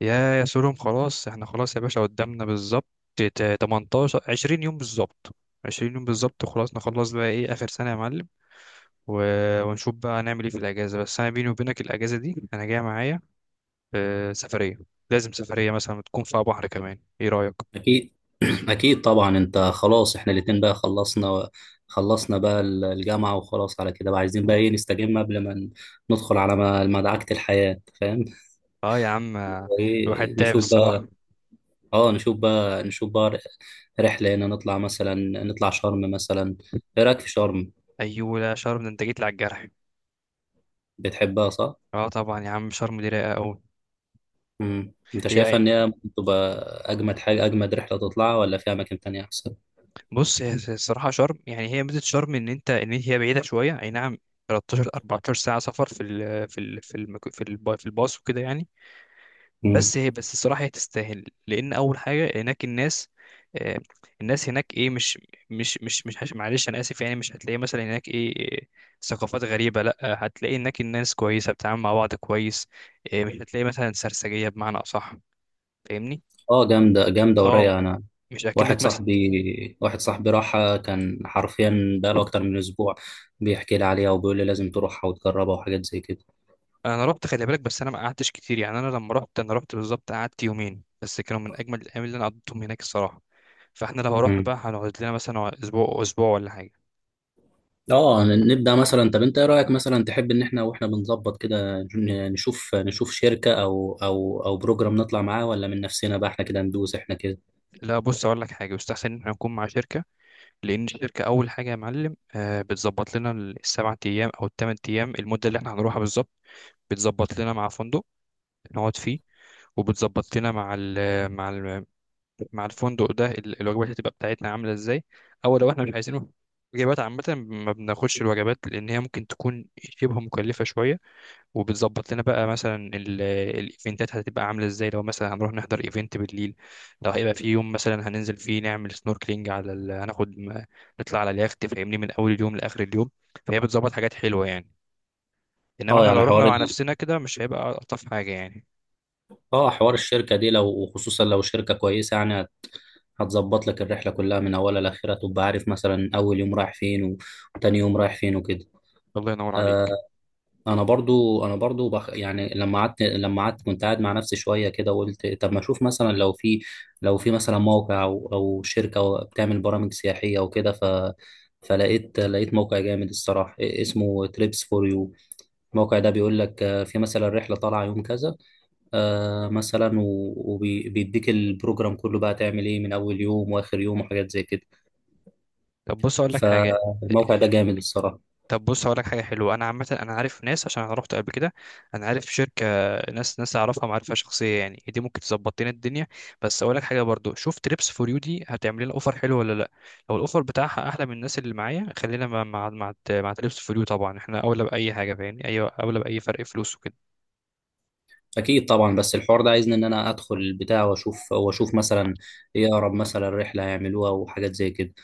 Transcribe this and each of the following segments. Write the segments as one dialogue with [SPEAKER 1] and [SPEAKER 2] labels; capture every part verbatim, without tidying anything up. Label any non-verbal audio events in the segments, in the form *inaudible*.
[SPEAKER 1] يا يا سولهم، خلاص احنا خلاص يا باشا، قدامنا بالظبط تا- تمنتاشر عشرين يوم بالظبط. عشرين يوم بالظبط وخلاص نخلص بقى، ايه اخر سنة يا معلم، و- ونشوف بقى هنعمل ايه في الاجازة. بس انا بيني وبينك الاجازة دي انا جاي معايا آه، سفرية. لازم سفرية مثلا تكون فيها بحر، كمان ايه رأيك؟
[SPEAKER 2] أكيد. *clears throat* أكيد طبعا، أنت خلاص. إحنا الاتنين بقى خلصنا خلصنا بقى الجامعة، وخلاص على كده بقى عايزين بقى إيه نستجم قبل ما ندخل على م- مدعكة الحياة، فاهم؟
[SPEAKER 1] اه يا عم، آه، الواحد
[SPEAKER 2] إيه
[SPEAKER 1] تعب
[SPEAKER 2] نشوف
[SPEAKER 1] الصراحة.
[SPEAKER 2] بقى. أه نشوف بقى نشوف بقى. رحلة هنا نطلع مثلا نطلع شرم مثلا. إيه رأيك في شرم؟
[SPEAKER 1] ايوه، لا شرم ده انت جيت لي على الجرح.
[SPEAKER 2] بتحبها صح؟
[SPEAKER 1] اه طبعا يا عم، شرم دي رايقة قوي.
[SPEAKER 2] مم. أنت شايفها
[SPEAKER 1] هي
[SPEAKER 2] إن هي ممكن تبقى أجمد حاجة، أجمد رحلة تطلعها، ولا في أماكن تانية أحسن؟
[SPEAKER 1] بص هي هي الصراحة شرم، يعني هي ميزة شرم إن أنت إن هي بعيدة شوية، أي نعم، تلتاشر اربعة عشر ساعة سفر في ال في ال في المك... في الب... في الباص وكده يعني.
[SPEAKER 2] مم.
[SPEAKER 1] بس هي بس الصراحة هي تستاهل، لأن أول حاجة هناك الناس، آه، الناس هناك إيه، مش مش مش مش هش- معلش أنا آسف يعني، مش هتلاقي مثلا هناك إيه إيه، ثقافات غريبة لأ. هتلاقي هناك الناس كويسة بتتعامل مع بعض كويس، آه، مش هتلاقي مثلا سرسجية بمعنى أصح، فاهمني؟
[SPEAKER 2] أه، جامدة جامدة
[SPEAKER 1] أه
[SPEAKER 2] ورايقة. أنا
[SPEAKER 1] مش أكنك.
[SPEAKER 2] واحد صاحبي واحد صاحبي راحها كان حرفيا بقاله أكتر من أسبوع بيحكي لي عليها وبيقول لي لازم تروحها وتجربها وحاجات زي كده.
[SPEAKER 1] انا رحت، خلي بالك، بس انا ما قعدتش كتير يعني، انا لما رحت، انا رحت بالظبط قعدت يومين بس، كانوا من اجمل الايام اللي انا قضيتهم هناك الصراحه. فاحنا لو رحنا
[SPEAKER 2] مم.
[SPEAKER 1] بقى هنقعد لنا مثلا اسبوع اسبوع ولا حاجه.
[SPEAKER 2] اه، نبدأ مثلا. طب انت ايه رأيك، مثلا تحب ان احنا، واحنا بنظبط كده، ن- نشوف نشوف شركة او او او بروجرام نطلع معاه، ولا من نفسنا بقى احنا كده ندوس احنا كده؟
[SPEAKER 1] لا بص اقول لك حاجه، يستحسن ان احنا نكون مع شركه. لان الشركه اول حاجه يا معلم، آه، بتظبط لنا السبع ايام او الثمان ايام، المده اللي احنا هنروحها بالظبط. بتظبط لنا مع فندق نقعد فيه، وبتظبط لنا مع ال مع ال مع الفندق ده ال- الوجبات هتبقى بتاعتنا عاملة ازاي، او لو احنا مش عايزينه وجبات عامة ما بناخدش الوجبات لأن هي ممكن تكون شبه مكلفة شوية. وبتظبط لنا بقى مثلا ال- الإيفنتات هتبقى عاملة ازاي، لو مثلا هنروح نحضر إيفنت بالليل، لو هيبقى في يوم مثلا هننزل فيه نعمل سنوركلينج على ال... هناخد م- نطلع على اليخت، فاهمني، من أول اليوم لآخر اليوم. فهي بتظبط حاجات حلوة يعني، إنما
[SPEAKER 2] اه،
[SPEAKER 1] احنا
[SPEAKER 2] يعني
[SPEAKER 1] لو رحنا
[SPEAKER 2] حوار
[SPEAKER 1] مع
[SPEAKER 2] ال...
[SPEAKER 1] نفسنا كده مش هيبقى ألطف حاجة يعني.
[SPEAKER 2] اه حوار الشركة دي، لو وخصوصا لو شركة كويسة، يعني هتظبط لك الرحلة كلها من اولها لاخرها، تبقى عارف مثلا اول يوم رايح فين و- وتاني يوم رايح فين وكده.
[SPEAKER 1] الله ينور
[SPEAKER 2] آه،
[SPEAKER 1] عليك.
[SPEAKER 2] انا برضو انا برضو بخ... يعني لما قعدت لما قعدت كنت قاعد مع نفسي شويه كده، وقلت طب ما اشوف مثلا لو في لو في مثلا موقع او او شركه أو بتعمل برامج سياحيه وكده، ف فلقيت لقيت موقع جامد الصراحه اسمه تريبس فور يو. الموقع ده بيقول لك آه، في مثلا رحله طالعه يوم كذا آه، مثلا، وبيديك البروجرام كله بقى تعمل ايه من اول يوم واخر يوم وحاجات زي كده.
[SPEAKER 1] طب بص أقول لك حاجة،
[SPEAKER 2] فالموقع ده جامد الصراحه.
[SPEAKER 1] طب بص هقول لك حاجه حلوه، انا عامه انا عارف ناس عشان انا رحت قبل كده، انا عارف شركه، ناس ناس اعرفها معرفه شخصيه يعني، دي ممكن تظبط لنا الدنيا. بس اقول لك حاجه برضو، شوف تريبس فور يو دي هتعمل لنا اوفر حلو ولا لا. لو الاوفر بتاعها احلى من الناس اللي معايا، خلينا مع مع مع, مع تريبس فور يو، طبعا احنا اولى باي حاجه، فاهمني، ايوه اولى باي فرق فلوس وكده.
[SPEAKER 2] اكيد طبعا، بس الحوار ده عايزني ان انا ادخل البتاع واشوف واشوف مثلا ايه اقرب مثلا رحله هيعملوها وحاجات زي كده.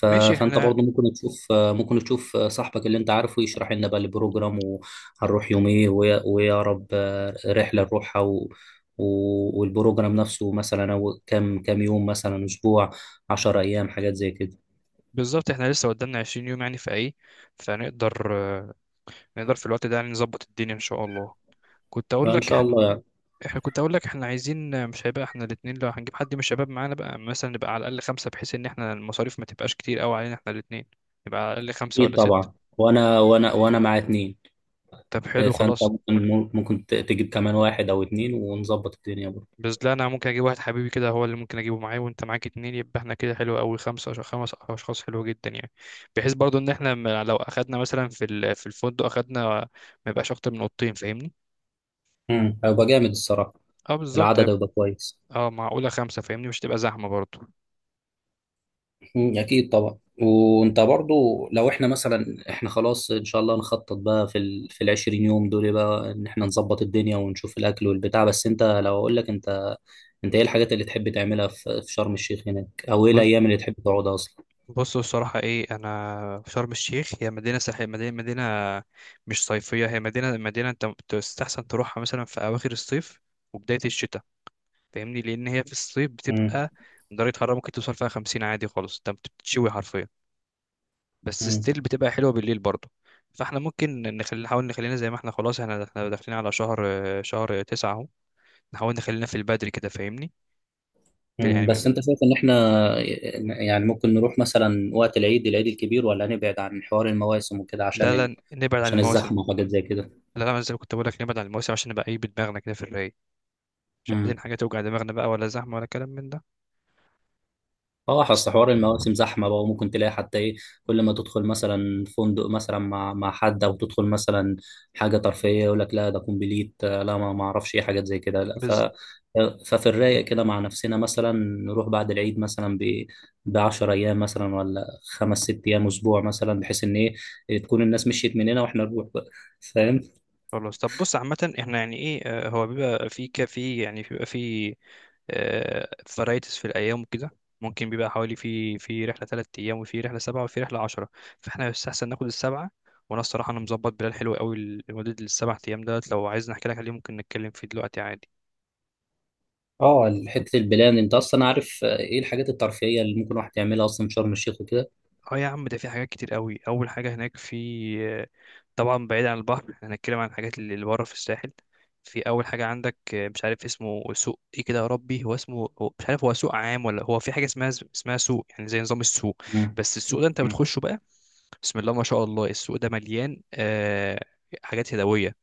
[SPEAKER 2] ف...
[SPEAKER 1] ماشي
[SPEAKER 2] فانت
[SPEAKER 1] احنا.
[SPEAKER 2] برضو ممكن تشوف ممكن تشوف صاحبك اللي انت عارفه يشرح لنا بقى البروجرام، وهنروح يوم ايه وإيه- وايه اقرب رحله نروحها، و... و... والبروجرام نفسه مثلا، او كام كام يوم مثلا، اسبوع، عشر ايام، حاجات زي كده.
[SPEAKER 1] بالظبط احنا لسه قدامنا عشرين يوم يعني في ايه، فنقدر نقدر في الوقت ده يعني نظبط الدنيا ان شاء الله. كنت اقول
[SPEAKER 2] ما ان
[SPEAKER 1] لك،
[SPEAKER 2] شاء الله يعني.
[SPEAKER 1] احنا كنت اقول لك احنا عايزين، مش هيبقى احنا الاتنين، لو هنجيب حد من الشباب معانا بقى مثلا نبقى على الاقل خمسة، بحيث ان احنا المصاريف ما تبقاش كتير قوي علينا احنا الاتنين. نبقى على الاقل خمسة
[SPEAKER 2] اكيد
[SPEAKER 1] ولا ستة.
[SPEAKER 2] طبعا، وانا وانا وانا مع اتنين.
[SPEAKER 1] طب حلو
[SPEAKER 2] فانت
[SPEAKER 1] خلاص.
[SPEAKER 2] ممكن ممكن تجيب كمان واحد او اتنين ونظبط الدنيا.
[SPEAKER 1] بس لا انا ممكن اجيب واحد حبيبي كده هو اللي ممكن اجيبه معايا، وانت معاك اتنين، يبقى احنا كده حلو قوي خمسة، عشان خمس اشخاص حلو جدا يعني. بحيث برضو ان احنا ما- لو اخدنا مثلا في ال- في الفندق اخدنا، ما يبقاش اكتر من اوضتين، فاهمني.
[SPEAKER 2] امم هيبقى جامد الصراحه.
[SPEAKER 1] اه بالظبط
[SPEAKER 2] العدد
[SPEAKER 1] هيبقى-
[SPEAKER 2] هيبقى كويس.
[SPEAKER 1] اه معقولة خمسة، فاهمني، مش تبقى زحمة برضو.
[SPEAKER 2] مم. اكيد طبعا. وانت برضو لو احنا مثلا، احنا خلاص ان شاء الله نخطط بقى في ال في العشرين يوم دول بقى ان احنا نظبط الدنيا ونشوف الاكل والبتاع. بس انت لو اقول لك انت، انت ايه الحاجات اللي تحب تعملها في في شرم الشيخ هناك، او ايه الايام اللي تحب تقعدها اصلا؟
[SPEAKER 1] بص الصراحة إيه، أنا في شرم الشيخ، هي مدينة ساحلية، مدينة مدينة مش صيفية، هي مدينة مدينة أنت تستحسن تروحها مثلا في أواخر الصيف وبداية الشتاء، فاهمني، لأن هي في الصيف
[SPEAKER 2] امم
[SPEAKER 1] بتبقى درجة حرارة ممكن توصل فيها خمسين عادي خالص، أنت بتتشوي حرفيا، بس
[SPEAKER 2] امم
[SPEAKER 1] ستيل بتبقى حلوة بالليل برضه. فاحنا ممكن نخلي، نحاول نخلينا زي ما احنا خلاص، احنا احنا داخلين على شهر، شهر تسعة اهو، نحاول نخلينا في البدري كده، فاهمني، في-
[SPEAKER 2] امم بس
[SPEAKER 1] يعني.
[SPEAKER 2] انت شايف ان احنا يعني ممكن نروح مثلا وقت العيد، العيد الكبير، ولا نبعد عن حوار المواسم وكده
[SPEAKER 1] لا
[SPEAKER 2] عشان
[SPEAKER 1] لا
[SPEAKER 2] ال...
[SPEAKER 1] نبعد عن
[SPEAKER 2] عشان
[SPEAKER 1] المواسم.
[SPEAKER 2] الزحمه وحاجات زي كده.
[SPEAKER 1] لا لا، زي ما كنت بقول لك نبعد عن المواسم عشان نبقى ايه بدماغنا كده في الرايق، مش عايزين
[SPEAKER 2] مم.
[SPEAKER 1] حاجة توجع دماغنا بقى ولا زحمة ولا كلام من ده.
[SPEAKER 2] اه،
[SPEAKER 1] بس
[SPEAKER 2] اصل حوار المواسم زحمه بقى، وممكن تلاقي حتى ايه، كل ما تدخل مثلا فندق مثلا مع مع حد، او تدخل مثلا حاجه ترفيهيه، يقول لك لا ده كومبليت، آه، لا، ما ما اعرفش ايه حاجات زي كده، لا. ف
[SPEAKER 1] بز...
[SPEAKER 2] ففي الرايق كده مع نفسنا، مثلا نروح بعد العيد مثلا ب ب عشرة ايام مثلا، ولا خمس ست ايام اسبوع مثلا، بحيث ان ايه تكون الناس مشيت مننا واحنا نروح بقى، فاهم؟
[SPEAKER 1] خلاص، طب بص عامة احنا يعني ايه، آه، هو بيبقى في كافي يعني، بيبقى في فرايتس في الأيام وكده، ممكن بيبقى حوالي في في رحلة تلات أيام وفي رحلة سبعة وفي رحلة عشرة. فاحنا يستحسن ناخد السبعة. وأنا الصراحة أنا مظبط بلال حلو قوي لمدة السبع أيام دولت، لو عايز نحكي لك عليه ممكن نتكلم فيه دلوقتي عادي.
[SPEAKER 2] اه، حته البلان انت اصلا عارف آه، ايه الحاجات الترفيهيه اللي ممكن واحد يعملها اصلا في شرم الشيخ وكده.
[SPEAKER 1] اه يا عم، ده في حاجات كتير قوي، اول حاجه هناك في، طبعا بعيد عن البحر، احنا هنتكلم عن الحاجات اللي اللي بره في الساحل. في اول حاجه عندك، مش عارف اسمه سوق ايه كده، يا ربي هو اسمه، هو مش عارف هو سوق عام ولا هو في حاجه اسمها اسمها سوق يعني، زي نظام السوق. بس السوق ده انت
[SPEAKER 2] مم.
[SPEAKER 1] بتخشه بقى، بسم الله ما شاء الله، السوق ده مليان آه، حاجات يدويه،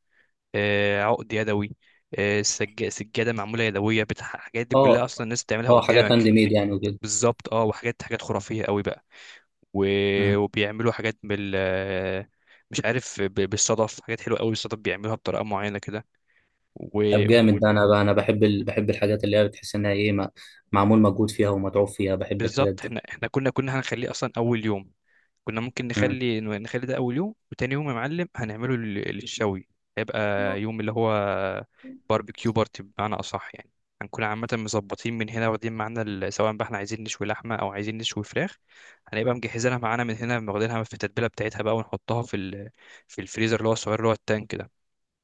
[SPEAKER 1] آه عقد يدوي، آه سج... سجاده معموله يدويه، بتاع الحاجات دي كلها
[SPEAKER 2] اه
[SPEAKER 1] اصلا الناس بتعملها
[SPEAKER 2] اه، حاجات هاند
[SPEAKER 1] قدامك.
[SPEAKER 2] ميد يعني وكده.
[SPEAKER 1] بالظبط اه، وحاجات، حاجات خرافيه قوي بقى، و-
[SPEAKER 2] مم.
[SPEAKER 1] وبيعملوا حاجات بال مش عارف ب- بالصدف، حاجات حلوه قوي الصدف بيعملوها بطريقه معينه كده
[SPEAKER 2] طب
[SPEAKER 1] وبالظبط.
[SPEAKER 2] جامد ده. انا بقى انا بحب ال... بحب الحاجات اللي هي بتحس انها، ايه ما... معمول مجهود فيها ومتعوب فيها، بحب الحاجات دي.
[SPEAKER 1] احنا احنا كنا كنا هنخليه اصلا اول يوم، كنا ممكن
[SPEAKER 2] مم.
[SPEAKER 1] نخلي، نخلي ده اول يوم، وتاني يوم يا معلم هنعمله لل- للشوي. هيبقى يوم اللي هو باربيكيو بارتي بمعنى اصح يعني، هنكون عامه مظبطين من هنا واخدين معانا ال- سواء بقى احنا عايزين نشوي لحمه او عايزين نشوي فراخ، هنبقى مجهزينها معانا من هنا واخدينها في التتبيله بتاعتها بقى، ونحطها في ال... في الفريزر اللي هو الصغير اللي هو التانك ده،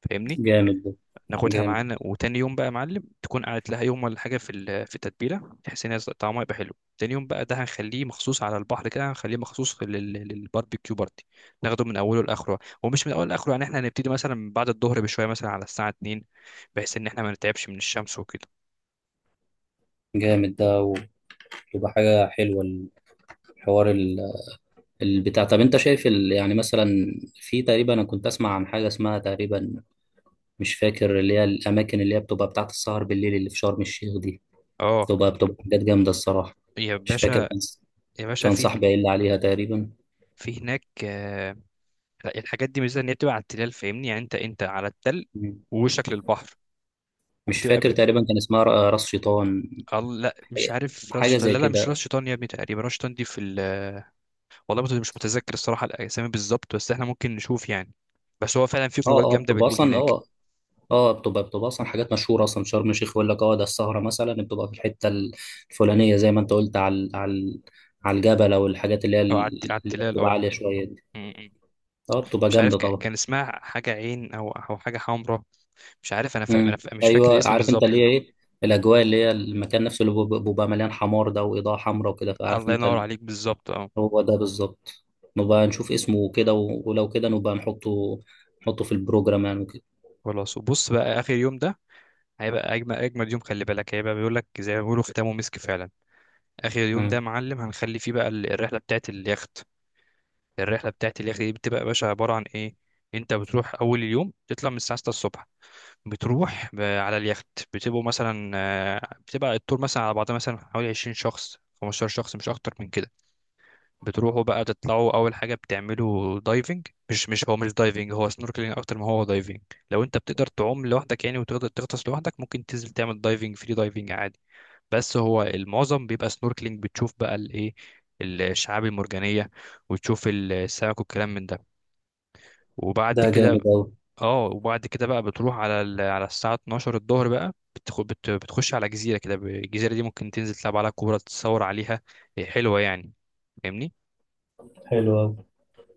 [SPEAKER 1] فاهمني.
[SPEAKER 2] جامد ده.
[SPEAKER 1] ناخدها
[SPEAKER 2] جامد
[SPEAKER 1] معانا، وتاني يوم بقى يا معلم تكون قعدت لها يوم ولا حاجه في ال- في التتبيله، بحيث ان هي طعمها يبقى حلو. تاني يوم بقى ده هنخليه مخصوص على البحر كده، هنخليه مخصوص لل- للباربيكيو بارتي. ناخده من اوله لاخره، ومش من اوله لاخره يعني، احنا هنبتدي مثلا بعد الظهر بشويه مثلا على الساعه اتنين، بحيث ان احنا ما نتعبش من الشمس وكده.
[SPEAKER 2] جامد ده ويبقى حاجة حلوة الحوار ال- البتاع. طب انت شايف ال... يعني مثلا، في تقريبا، انا كنت اسمع عن حاجة اسمها تقريبا، مش فاكر، اللي هي الاماكن اللي هي بتبقى بتاعت السهر بالليل اللي في شرم الشيخ دي،
[SPEAKER 1] اه
[SPEAKER 2] بتبقى بتبقى حاجات جامدة الصراحة.
[SPEAKER 1] يا
[SPEAKER 2] مش فاكر.
[SPEAKER 1] باشا،
[SPEAKER 2] كان
[SPEAKER 1] يا باشا
[SPEAKER 2] كان
[SPEAKER 1] في،
[SPEAKER 2] صاحبي قايل لي عليها تقريبا.
[SPEAKER 1] في هناك آه، لا، الحاجات دي ميزه ان هي بتبقى على التلال، فاهمني يعني، انت انت على التل ووشك للبحر،
[SPEAKER 2] مش
[SPEAKER 1] وبتبقى
[SPEAKER 2] فاكر،
[SPEAKER 1] ب...
[SPEAKER 2] تقريبا كان اسمها ر- راس شيطان،
[SPEAKER 1] الله، لا مش عارف راس
[SPEAKER 2] حاجه
[SPEAKER 1] شيطان،
[SPEAKER 2] زي
[SPEAKER 1] لا لا مش راس
[SPEAKER 2] كده.
[SPEAKER 1] شيطان يا ابني، تقريبا راس شيطان دي في ال آه، والله برضه مش متذكر الصراحه الاسامي بالظبط، بس احنا ممكن نشوف يعني. بس هو فعلا في
[SPEAKER 2] اه
[SPEAKER 1] خروجات
[SPEAKER 2] اه،
[SPEAKER 1] جامده
[SPEAKER 2] بتبقى
[SPEAKER 1] بالليل
[SPEAKER 2] اصلا.
[SPEAKER 1] هناك.
[SPEAKER 2] اه اه، بتبقى بتبقى اصلا حاجات مشهوره اصلا. شرم الشيخ يقول لك اه ده السهره مثلا بتبقى في الحته الفلانيه زي ما انت قلت على، على على الجبل، او الحاجات اللي هي
[SPEAKER 1] اه على الت-
[SPEAKER 2] ال-
[SPEAKER 1] على
[SPEAKER 2] اللي
[SPEAKER 1] التلال
[SPEAKER 2] بتبقى
[SPEAKER 1] اه.
[SPEAKER 2] عاليه شويه دي.
[SPEAKER 1] م- م.
[SPEAKER 2] اه، بتبقى
[SPEAKER 1] مش عارف
[SPEAKER 2] جامده
[SPEAKER 1] ك-
[SPEAKER 2] طبعا.
[SPEAKER 1] كان اسمها حاجه عين او او حاجه حمراء، مش عارف انا، فا... أنا
[SPEAKER 2] امم
[SPEAKER 1] فا... مش فاكر
[SPEAKER 2] ايوه،
[SPEAKER 1] الاسم
[SPEAKER 2] عارف انت اللي
[SPEAKER 1] بالظبط.
[SPEAKER 2] هي ايه، الاجواء اللي هي المكان نفسه اللي بيبقى بيبقى مليان حمار ده واضاءه حمراء وكده. فعارف
[SPEAKER 1] الله
[SPEAKER 2] انت
[SPEAKER 1] ينور
[SPEAKER 2] ال-
[SPEAKER 1] عليك، بالظبط اه.
[SPEAKER 2] هو ده بالظبط. نبقى نشوف اسمه وكده، و- ولو كده نبقى نحطه نحطه في البروجرام يعني.
[SPEAKER 1] خلاص، وبص بقى اخر يوم ده هيبقى اجمل اجمل يوم، خلي بالك، هيبقى بيقول لك زي ما بيقولوا ختامه مسك فعلا. اخر يوم ده
[SPEAKER 2] وكده.
[SPEAKER 1] يا معلم هنخلي فيه بقى ال- الرحله بتاعت اليخت. الرحله بتاعت اليخت دي بتبقى يا باشا عباره عن ايه، انت بتروح اول اليوم تطلع من الساعه ستة الصبح، بتروح ب- على اليخت. بتبقوا مثلا آه، بتبقى التور مثلا على بعضها مثلا حوالي عشرين شخص خمسة عشر شخص، مش اكتر من كده. بتروحوا بقى تطلعوا، اول حاجه بتعملوا دايفنج، مش مش هو مش دايفنج، هو سنوركلينج اكتر ما هو دايفنج. لو انت بتقدر تعوم لوحدك يعني وتقدر تغطس لوحدك، ممكن تنزل تعمل دايفنج، فري دايفنج عادي. بس هو المعظم بيبقى سنوركلينج، بتشوف بقى الايه، الشعاب المرجانيه، وتشوف السمك والكلام من ده. وبعد
[SPEAKER 2] ده
[SPEAKER 1] كده،
[SPEAKER 2] جامد أوي.
[SPEAKER 1] اه وبعد كده بقى بتروح على ال- على الساعه اتناشر الظهر بقى، بتخ- بت- بتخش على جزيره كده، الجزيره دي ممكن تنزل تلعب على كوره، تتصور عليها، حلوه يعني، فاهمني.
[SPEAKER 2] حلو أوي.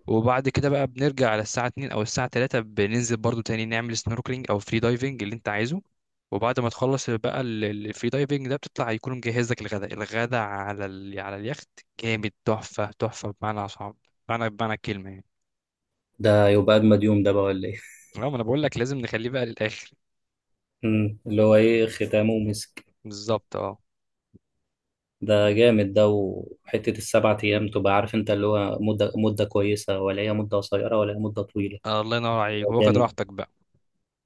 [SPEAKER 1] وبعد كده بقى بنرجع على الساعة اتنين أو الساعة ثلاثة، بننزل برضو تاني نعمل سنوركلينج أو فري دايفنج اللي أنت عايزه. وبعد ما تخلص بقى ال- ال- الفري دايفنج ده بتطلع يكون مجهز لك الغداء، الغداء على ال... على اليخت. جامد، تحفة تحفة بمعنى صعب، بمعنى بمعنى الكلمة يعني.
[SPEAKER 2] ده يبقى أجمد يوم ده بقى، ولا إيه؟
[SPEAKER 1] اه ما أنا بقول لك لازم نخليه بقى للآخر.
[SPEAKER 2] *laughs* مم. اللي هو إيه، ختامه ومسك.
[SPEAKER 1] بالظبط اه.
[SPEAKER 2] ده جامد ده. وحتة السبعة أيام تبقى عارف أنت، اللي هو مدة مدة كويسة، ولا هي مدة قصيرة، ولا هي مدة طويلة؟
[SPEAKER 1] آه، الله ينور عليك واخد
[SPEAKER 2] جامد.
[SPEAKER 1] راحتك بقى.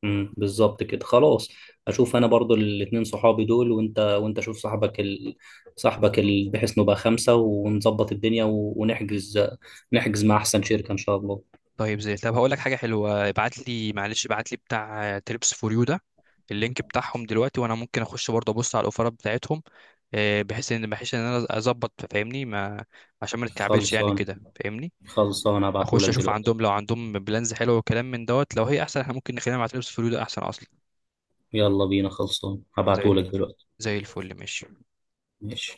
[SPEAKER 2] مم. بالظبط كده، خلاص. أشوف أنا برضو الاتنين صحابي دول، وأنت وأنت شوف صاحبك ال... صاحبك ال... بحيث نبقى خمسة ونظبط الدنيا، و... ونحجز، نحجز مع أحسن شركة إن شاء الله.
[SPEAKER 1] طيب زي، طب هقول لك حاجه حلوه، ابعت لي، معلش ابعت لي بتاع تريبس فور يو ده، اللينك بتاعهم دلوقتي، وانا ممكن اخش برضه ابص على الاوفرات بتاعتهم، آه، بحيث ان، بحيث ان انا اظبط، فاهمني، ما عشان ما نتكعبلش يعني
[SPEAKER 2] خلصان
[SPEAKER 1] كده، فاهمني.
[SPEAKER 2] خلصان،
[SPEAKER 1] اخش
[SPEAKER 2] هبعتهولك
[SPEAKER 1] اشوف
[SPEAKER 2] دلوقتي.
[SPEAKER 1] عندهم لو عندهم بلانز حلو وكلام من دوت، لو هي احسن احنا ممكن نخلينا مع تريبس فور يو ده احسن اصلا.
[SPEAKER 2] يلا بينا، خلصان
[SPEAKER 1] زي ال-
[SPEAKER 2] هبعتهولك دلوقتي.
[SPEAKER 1] زي الفل، ماشي.
[SPEAKER 2] ماشي.